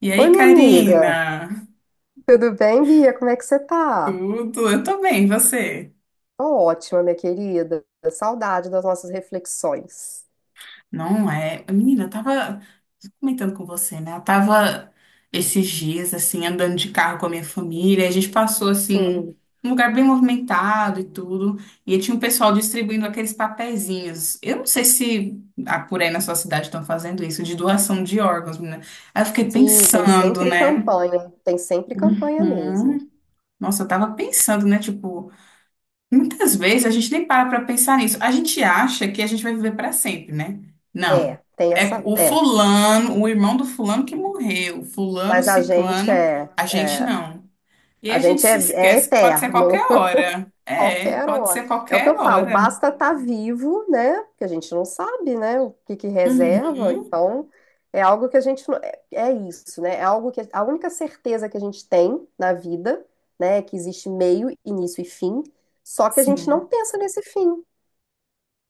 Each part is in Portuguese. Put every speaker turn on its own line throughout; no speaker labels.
E
Oi,
aí,
minha amiga.
Karina?
Tudo bem, Bia? Como é que você tá?
Tudo? Eu tô bem, e você?
Tô ótima, minha querida. Saudade das nossas reflexões.
Não é? Menina, eu tava comentando com você, né? Eu tava esses dias, assim, andando de carro com a minha família. A gente passou, assim,
Sim,
um lugar bem movimentado e tudo. E tinha um pessoal distribuindo aqueles papeizinhos. Eu não sei se por aí na sua cidade estão fazendo isso, de doação de órgãos, menina. Aí eu fiquei
sim, tem
pensando,
sempre
né?
campanha. Tem sempre campanha mesmo.
Uhum. Nossa, eu tava pensando, né? Tipo, muitas vezes a gente nem para pensar nisso. A gente acha que a gente vai viver para sempre, né? Não.
É, tem
É
essa.
o
É.
fulano, o irmão do fulano que morreu, fulano,
Mas a gente
ciclano,
é,
a gente
é,
não. E aí
a
a gente
gente
se
é, é
esquece que pode ser qualquer
eterno.
hora. É,
Qualquer
pode
hora.
ser
É o que eu
qualquer
falo,
hora.
basta estar vivo, né? Porque a gente não sabe, né? O que que reserva.
Uhum,
Então, é algo que a gente não, é isso, né? É algo que a única certeza que a gente tem na vida, né, é que existe meio, início e fim, só que a gente não
sim.
pensa nesse fim,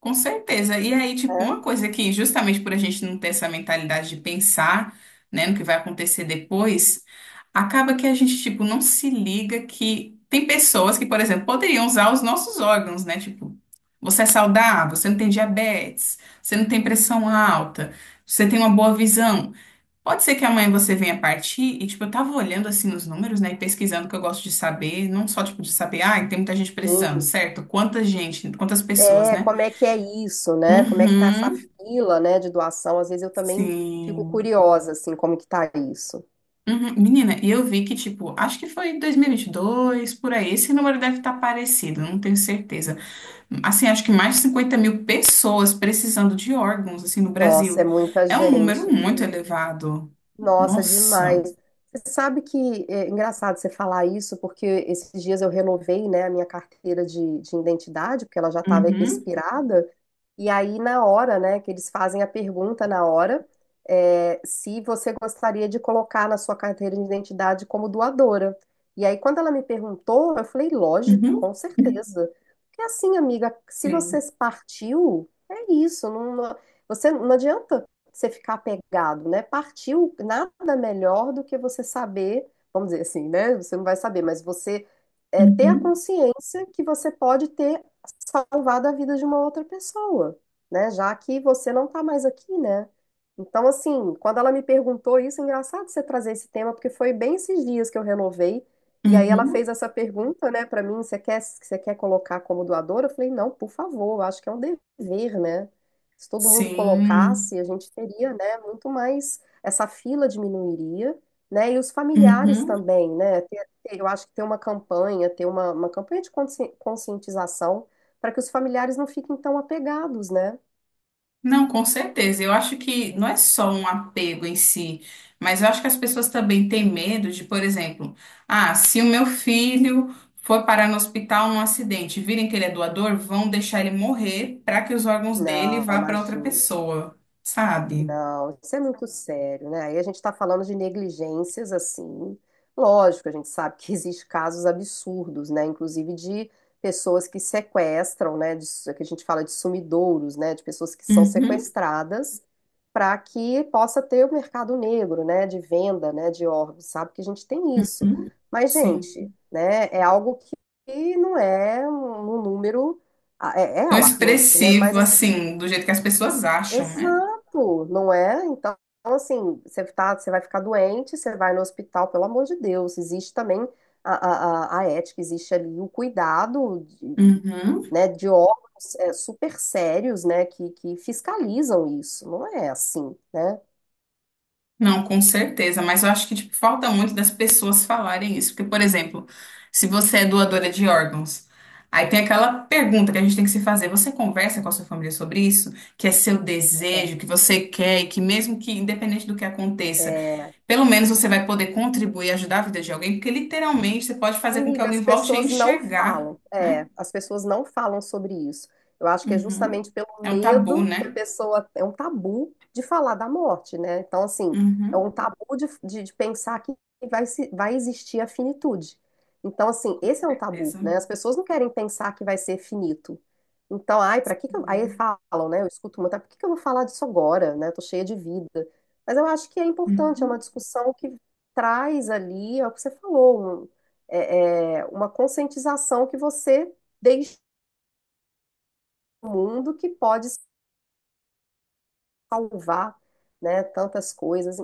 Com certeza. E aí, tipo, uma
né?
coisa que, justamente por a gente não ter essa mentalidade de pensar, né, no que vai acontecer depois, acaba que a gente, tipo, não se liga que tem pessoas que, por exemplo, poderiam usar os nossos órgãos, né? Tipo, você é saudável, você não tem diabetes, você não tem pressão alta, você tem uma boa visão. Pode ser que amanhã você venha partir e, tipo, eu tava olhando, assim, os números, né, e pesquisando que eu gosto de saber, não só, tipo, de saber, ah, tem muita gente precisando,
Sim.
certo? Quanta gente, quantas pessoas,
É,
né?
como é que é isso, né? Como é que tá essa
Uhum,
fila, né, de doação? Às vezes eu também fico
sim.
curiosa assim, como que tá isso.
Uhum. Menina, e eu vi que, tipo, acho que foi 2022 por aí. Esse número deve estar parecido, não tenho certeza. Assim, acho que mais de 50 mil pessoas precisando de órgãos, assim, no
Nossa, é
Brasil.
muita
É um número
gente.
muito elevado.
Nossa,
Nossa.
demais. Você sabe que é engraçado você falar isso, porque esses dias eu renovei, né, a minha carteira de identidade, porque ela já estava
Uhum,
expirada. E aí, na hora, né, que eles fazem a pergunta na hora, se você gostaria de colocar na sua carteira de identidade como doadora. E aí, quando ela me perguntou, eu falei, lógico,
uhum,
com certeza. Porque assim, amiga, se você
sim.
partiu, é isso, você não adianta você ficar apegado, né? Partiu nada melhor do que você saber, vamos dizer assim, né? Você não vai saber, mas você ter a
Uhum,
consciência que você pode ter salvado a vida de uma outra pessoa, né? Já que você não tá mais aqui, né? Então, assim, quando ela me perguntou isso, é engraçado você trazer esse tema, porque foi bem esses dias que eu renovei. E aí ela
uhum,
fez essa pergunta, né, pra mim, você quer colocar como doadora? Eu falei, não, por favor, eu acho que é um dever, né? Se todo mundo
sim.
colocasse, a gente teria, né, muito mais, essa fila diminuiria, né, e os familiares
Uhum.
também, né, eu acho que ter uma campanha, ter uma campanha de conscientização para que os familiares não fiquem tão apegados, né,
Não, com certeza. Eu acho que não é só um apego em si, mas eu acho que as pessoas também têm medo de, por exemplo, ah, se o meu filho for parar no hospital num acidente, virem que ele é doador, vão deixar ele morrer para que os órgãos dele
não,
vá para outra
imagina.
pessoa, sabe?
Não, isso é muito sério, né? Aí a gente está falando de negligências assim. Lógico, a gente sabe que existe casos absurdos, né? Inclusive de pessoas que sequestram, né? Que a gente fala de sumidouros, né? De pessoas que são
Uhum,
sequestradas para que possa ter o mercado negro, né? De venda, né? De órgãos, sabe que a gente tem isso.
uhum.
Mas, gente,
Sim.
né? É algo que não é um número. É
Tão
alarmante, né?
expressivo
Mas assim,
assim, do jeito que as pessoas acham, né?
exato, não é? Então, assim, você vai ficar doente, você vai no hospital, pelo amor de Deus. Existe também a, a ética, existe ali o cuidado,
Uhum.
né, de órgãos super sérios, né, que fiscalizam isso. Não é assim, né?
Não, com certeza, mas eu acho que tipo, falta muito das pessoas falarem isso. Porque, por exemplo, se você é doadora de órgãos, aí tem aquela pergunta que a gente tem que se fazer: você conversa com a sua família sobre isso? Que é seu
É.
desejo, que você quer, e que mesmo que, independente do que aconteça,
É.
pelo menos você vai poder contribuir e ajudar a vida de alguém, porque literalmente você pode fazer com que
Amiga, as
alguém volte a
pessoas não
enxergar,
falam.
né?
É, as pessoas não falam sobre isso. Eu acho que é
Uhum.
justamente pelo
É um tabu,
medo que a
né?
pessoa. É um tabu de falar da morte, né? Então, assim, é
Uhum. Com
um tabu de pensar que vai, se, vai existir a finitude. Então, assim, esse é um tabu,
certeza.
né? As pessoas não querem pensar que vai ser finito. Então, ai, pra que que eu. Aí
Uhum.
falam, né? Eu escuto muito, "Ah, por que que eu vou falar disso agora, né? Tô cheia de vida. Mas eu acho que é importante, é uma
Uhum.
discussão que traz ali, é o que você falou, uma conscientização que você deixa no mundo que pode salvar, né, tantas coisas.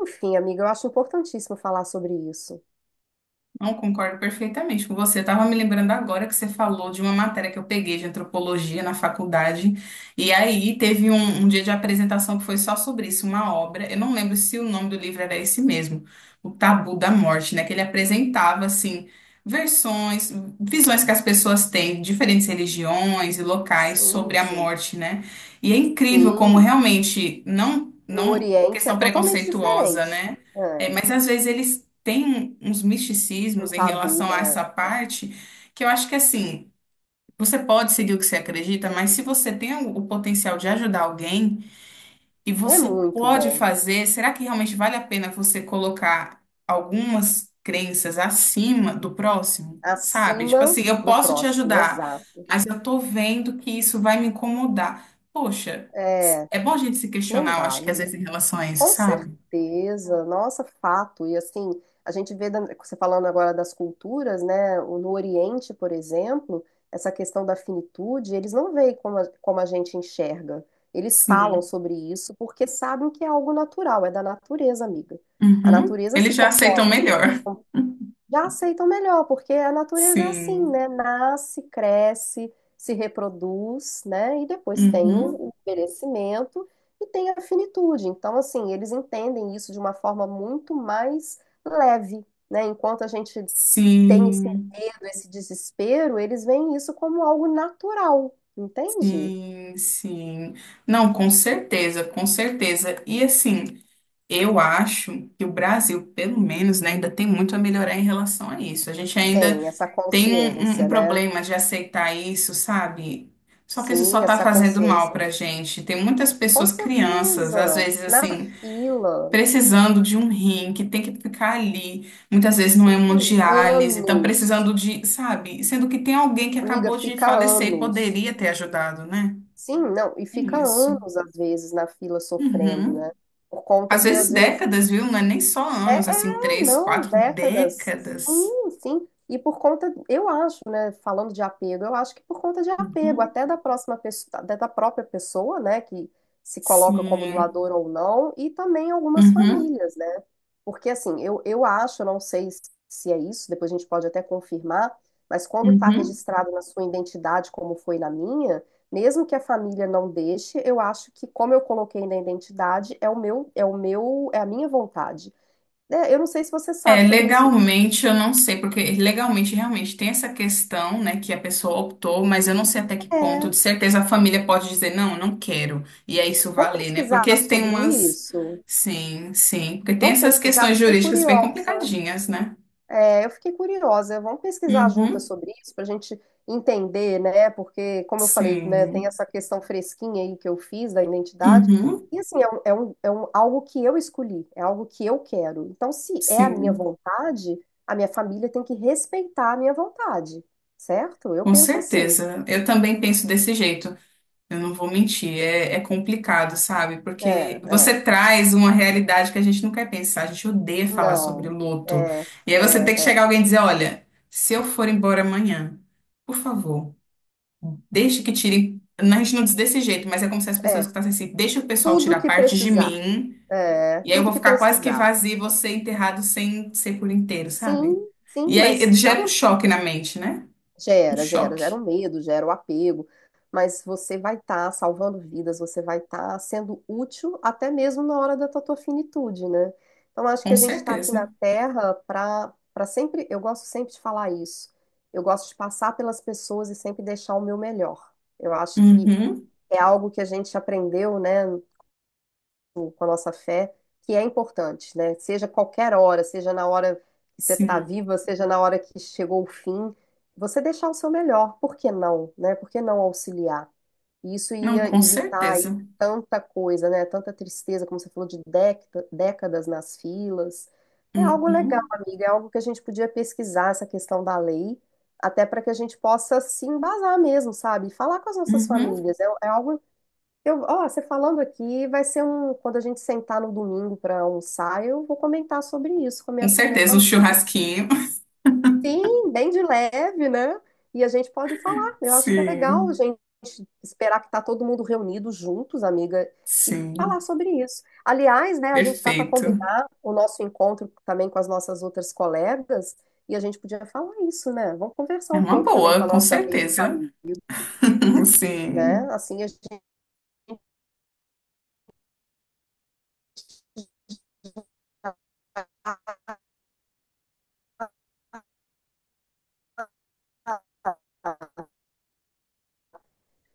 Enfim, amiga, eu acho importantíssimo falar sobre isso.
Não concordo perfeitamente com você. Estava me lembrando agora que você falou de uma matéria que eu peguei de antropologia na faculdade. E aí teve um dia de apresentação que foi só sobre isso, uma obra. Eu não lembro se o nome do livro era esse mesmo, O Tabu da Morte, né? Que ele apresentava assim versões, visões que as pessoas têm de diferentes religiões e locais
Sim,
sobre a
sim.
morte, né? E é incrível como
Sim,
realmente não,
no
não uma
Oriente é
questão
totalmente
preconceituosa,
diferente.
né?
É,
É, mas às vezes eles tem uns
um
misticismos em
tabu.
relação a
é,
essa parte que eu acho que assim, você pode seguir o que você acredita, mas se você tem o potencial de ajudar alguém e
é
você
muito
pode
bom.
fazer, será que realmente vale a pena você colocar algumas crenças acima do próximo? Sabe? Tipo
Acima
assim, eu
do
posso te
próximo,
ajudar,
exato.
mas eu tô vendo que isso vai me incomodar. Poxa,
É,
é bom a gente se
não
questionar, eu
dá,
acho que às
não dá.
vezes em relação a isso,
Com
sabe?
certeza, nossa, fato. E assim, a gente vê, você falando agora das culturas, né? No Oriente, por exemplo, essa questão da finitude, eles não veem como como a gente enxerga. Eles falam
Sim.
sobre isso porque sabem que é algo natural, é da natureza, amiga. A
Uhum.
natureza se
Eles já aceitam
conforma,
melhor.
já aceitam melhor, porque a natureza é assim,
Sim.
né? Nasce, cresce, se reproduz, né? E depois tem
Uhum.
o envelhecimento e tem a finitude. Então, assim, eles entendem isso de uma forma muito mais leve, né? Enquanto a gente tem esse
Sim,
medo, esse desespero, eles veem isso como algo natural, entende?
sim, sim. Não, com certeza, com certeza. E assim, eu acho que o Brasil, pelo menos, né, ainda tem muito a melhorar em relação a isso. A gente ainda
Tem essa
tem
consciência,
um
né?
problema de aceitar isso, sabe? Só que isso
Sim,
só tá
essa
fazendo mal
consciência.
pra gente. Tem muitas
Com
pessoas, crianças, às
certeza.
vezes
Na
assim.
fila.
Precisando de um rim, que tem que ficar ali, muitas vezes não é uma
Sim,
diálise, estão
anos.
precisando de, sabe? Sendo que tem alguém que
Amiga,
acabou de
fica
falecer e
anos.
poderia ter ajudado, né?
Sim, não, e
É
fica
isso.
anos, às vezes, na fila sofrendo,
Uhum.
né? Por conta
Às
de,
vezes
às vezes,
décadas, viu? Não é nem só anos,
é,
assim,
é,
três,
não,
quatro
décadas.
décadas.
Sim, sim. E por conta, eu acho, né, falando de apego, eu acho que por conta de apego,
Uhum.
até da próxima pessoa, até da própria pessoa, né, que se coloca como
Sim.
doador ou não, e também algumas
Uhum.
famílias, né? Porque assim, eu acho, eu não sei se é isso, depois a gente pode até confirmar, mas quando está
Uhum.
registrado na sua identidade, como foi na minha, mesmo que a família não deixe, eu acho que como eu coloquei na identidade, é a minha vontade. É, eu não sei se você
É,
sabe sobre isso, mas
legalmente eu não sei, porque legalmente realmente tem essa questão, né, que a pessoa optou, mas eu não sei até que ponto, de
é,
certeza a família pode dizer, não, não quero, e é isso
vamos
valer, né?
pesquisar
Porque tem
sobre
umas.
isso?
Sim, sim, porque tem
Vamos
essas
pesquisar?
questões
Fiquei
jurídicas bem
curiosa.
complicadinhas, né?
É, eu fiquei curiosa. Vamos pesquisar juntas
Uhum,
sobre isso para a gente entender, né? Porque, como eu falei, né, tem
sim,
essa questão fresquinha aí que eu fiz da identidade.
uhum,
E assim, é algo que eu escolhi, é algo que eu quero. Então, se é a minha
sim,
vontade, a minha família tem que respeitar a minha vontade, certo? Eu
com
penso assim.
certeza. Eu também penso desse jeito. Eu não vou mentir, é complicado, sabe?
É,
Porque
é.
você traz uma realidade que a gente não quer pensar, a gente odeia falar sobre
Não.
luto.
É,
E aí você tem
é,
que
é.
chegar alguém e dizer: olha, se eu for embora amanhã, por favor, deixe que tirem. A gente não diz desse jeito, mas é como se as pessoas
É,
que falassem assim: deixa o pessoal
tudo
tirar
que
parte de
precisar.
mim,
É,
e aí eu
tudo
vou
que
ficar quase que
precisar.
vazio e você enterrado sem ser por inteiro,
Sim,
sabe?
sim,
E aí
mas
gera um choque na mente, né? Um
gera
choque,
o medo, gera o apego. Mas você vai estar salvando vidas, você vai estar sendo útil até mesmo na hora da tua finitude, né? Então acho que
com
a gente está aqui na
certeza.
Terra para sempre. Eu gosto sempre de falar isso. Eu gosto de passar pelas pessoas e sempre deixar o meu melhor. Eu acho que
Uhum,
é algo que a gente aprendeu, né, com a nossa fé, que é importante, né? Seja qualquer hora, seja na hora que você está
sim.
viva, seja na hora que chegou o fim, você deixar o seu melhor, por que não, né? Por que não auxiliar? E isso
Não,
ia
com
evitar aí
certeza.
tanta coisa, né? Tanta tristeza, como você falou, de décadas nas filas. É algo legal,
Uhum,
amiga, é algo que a gente podia pesquisar essa questão da lei. Até para que a gente possa se embasar mesmo, sabe? E falar com as nossas
uhum.
famílias. É, é algo eu, ó, você falando aqui, vai ser um. Quando a gente sentar no domingo para almoçar, eu vou comentar sobre isso com a
Com
minha, com a minha
certeza, um
família.
churrasquinho.
Sim, bem de leve, né? E a gente pode falar. Eu acho que é legal a
Sim,
gente esperar que tá todo mundo reunido juntos, amiga, e falar
sim,
sobre isso. Aliás, né, a gente tá para
perfeito.
combinar o nosso encontro também com as nossas outras colegas, e a gente podia falar isso, né? Vamos conversar
É
um
uma
pouco também com a
boa, com
nossa rede de
certeza.
amigos, né?
Sim,
Assim a gente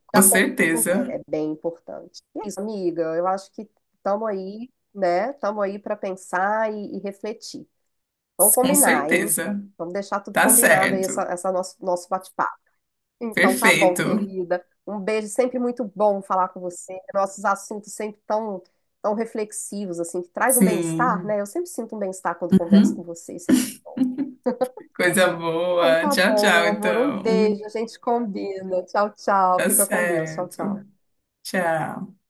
com
já
certeza.
é bem importante. E é isso, amiga. Eu acho que estamos aí, né? Estamos aí para pensar e refletir. Vamos
Com
combinar, hein?
certeza.
Vamos deixar tudo
Tá
combinado aí, essa,
certo.
essa nosso bate-papo. Então tá bom,
Perfeito.
querida. Um beijo, sempre muito bom falar com você. Nossos assuntos sempre tão, tão reflexivos, assim, que traz um bem-estar,
Sim.
né? Eu sempre sinto um bem-estar quando converso com
Uhum.
você. Isso é muito bom.
Coisa
Então
boa.
tá
Tchau,
bom,
tchau,
meu amor. Um
então.
beijo, a gente combina. Tchau, tchau.
Tá
Fica com Deus. Tchau,
certo.
tchau.
Tchau.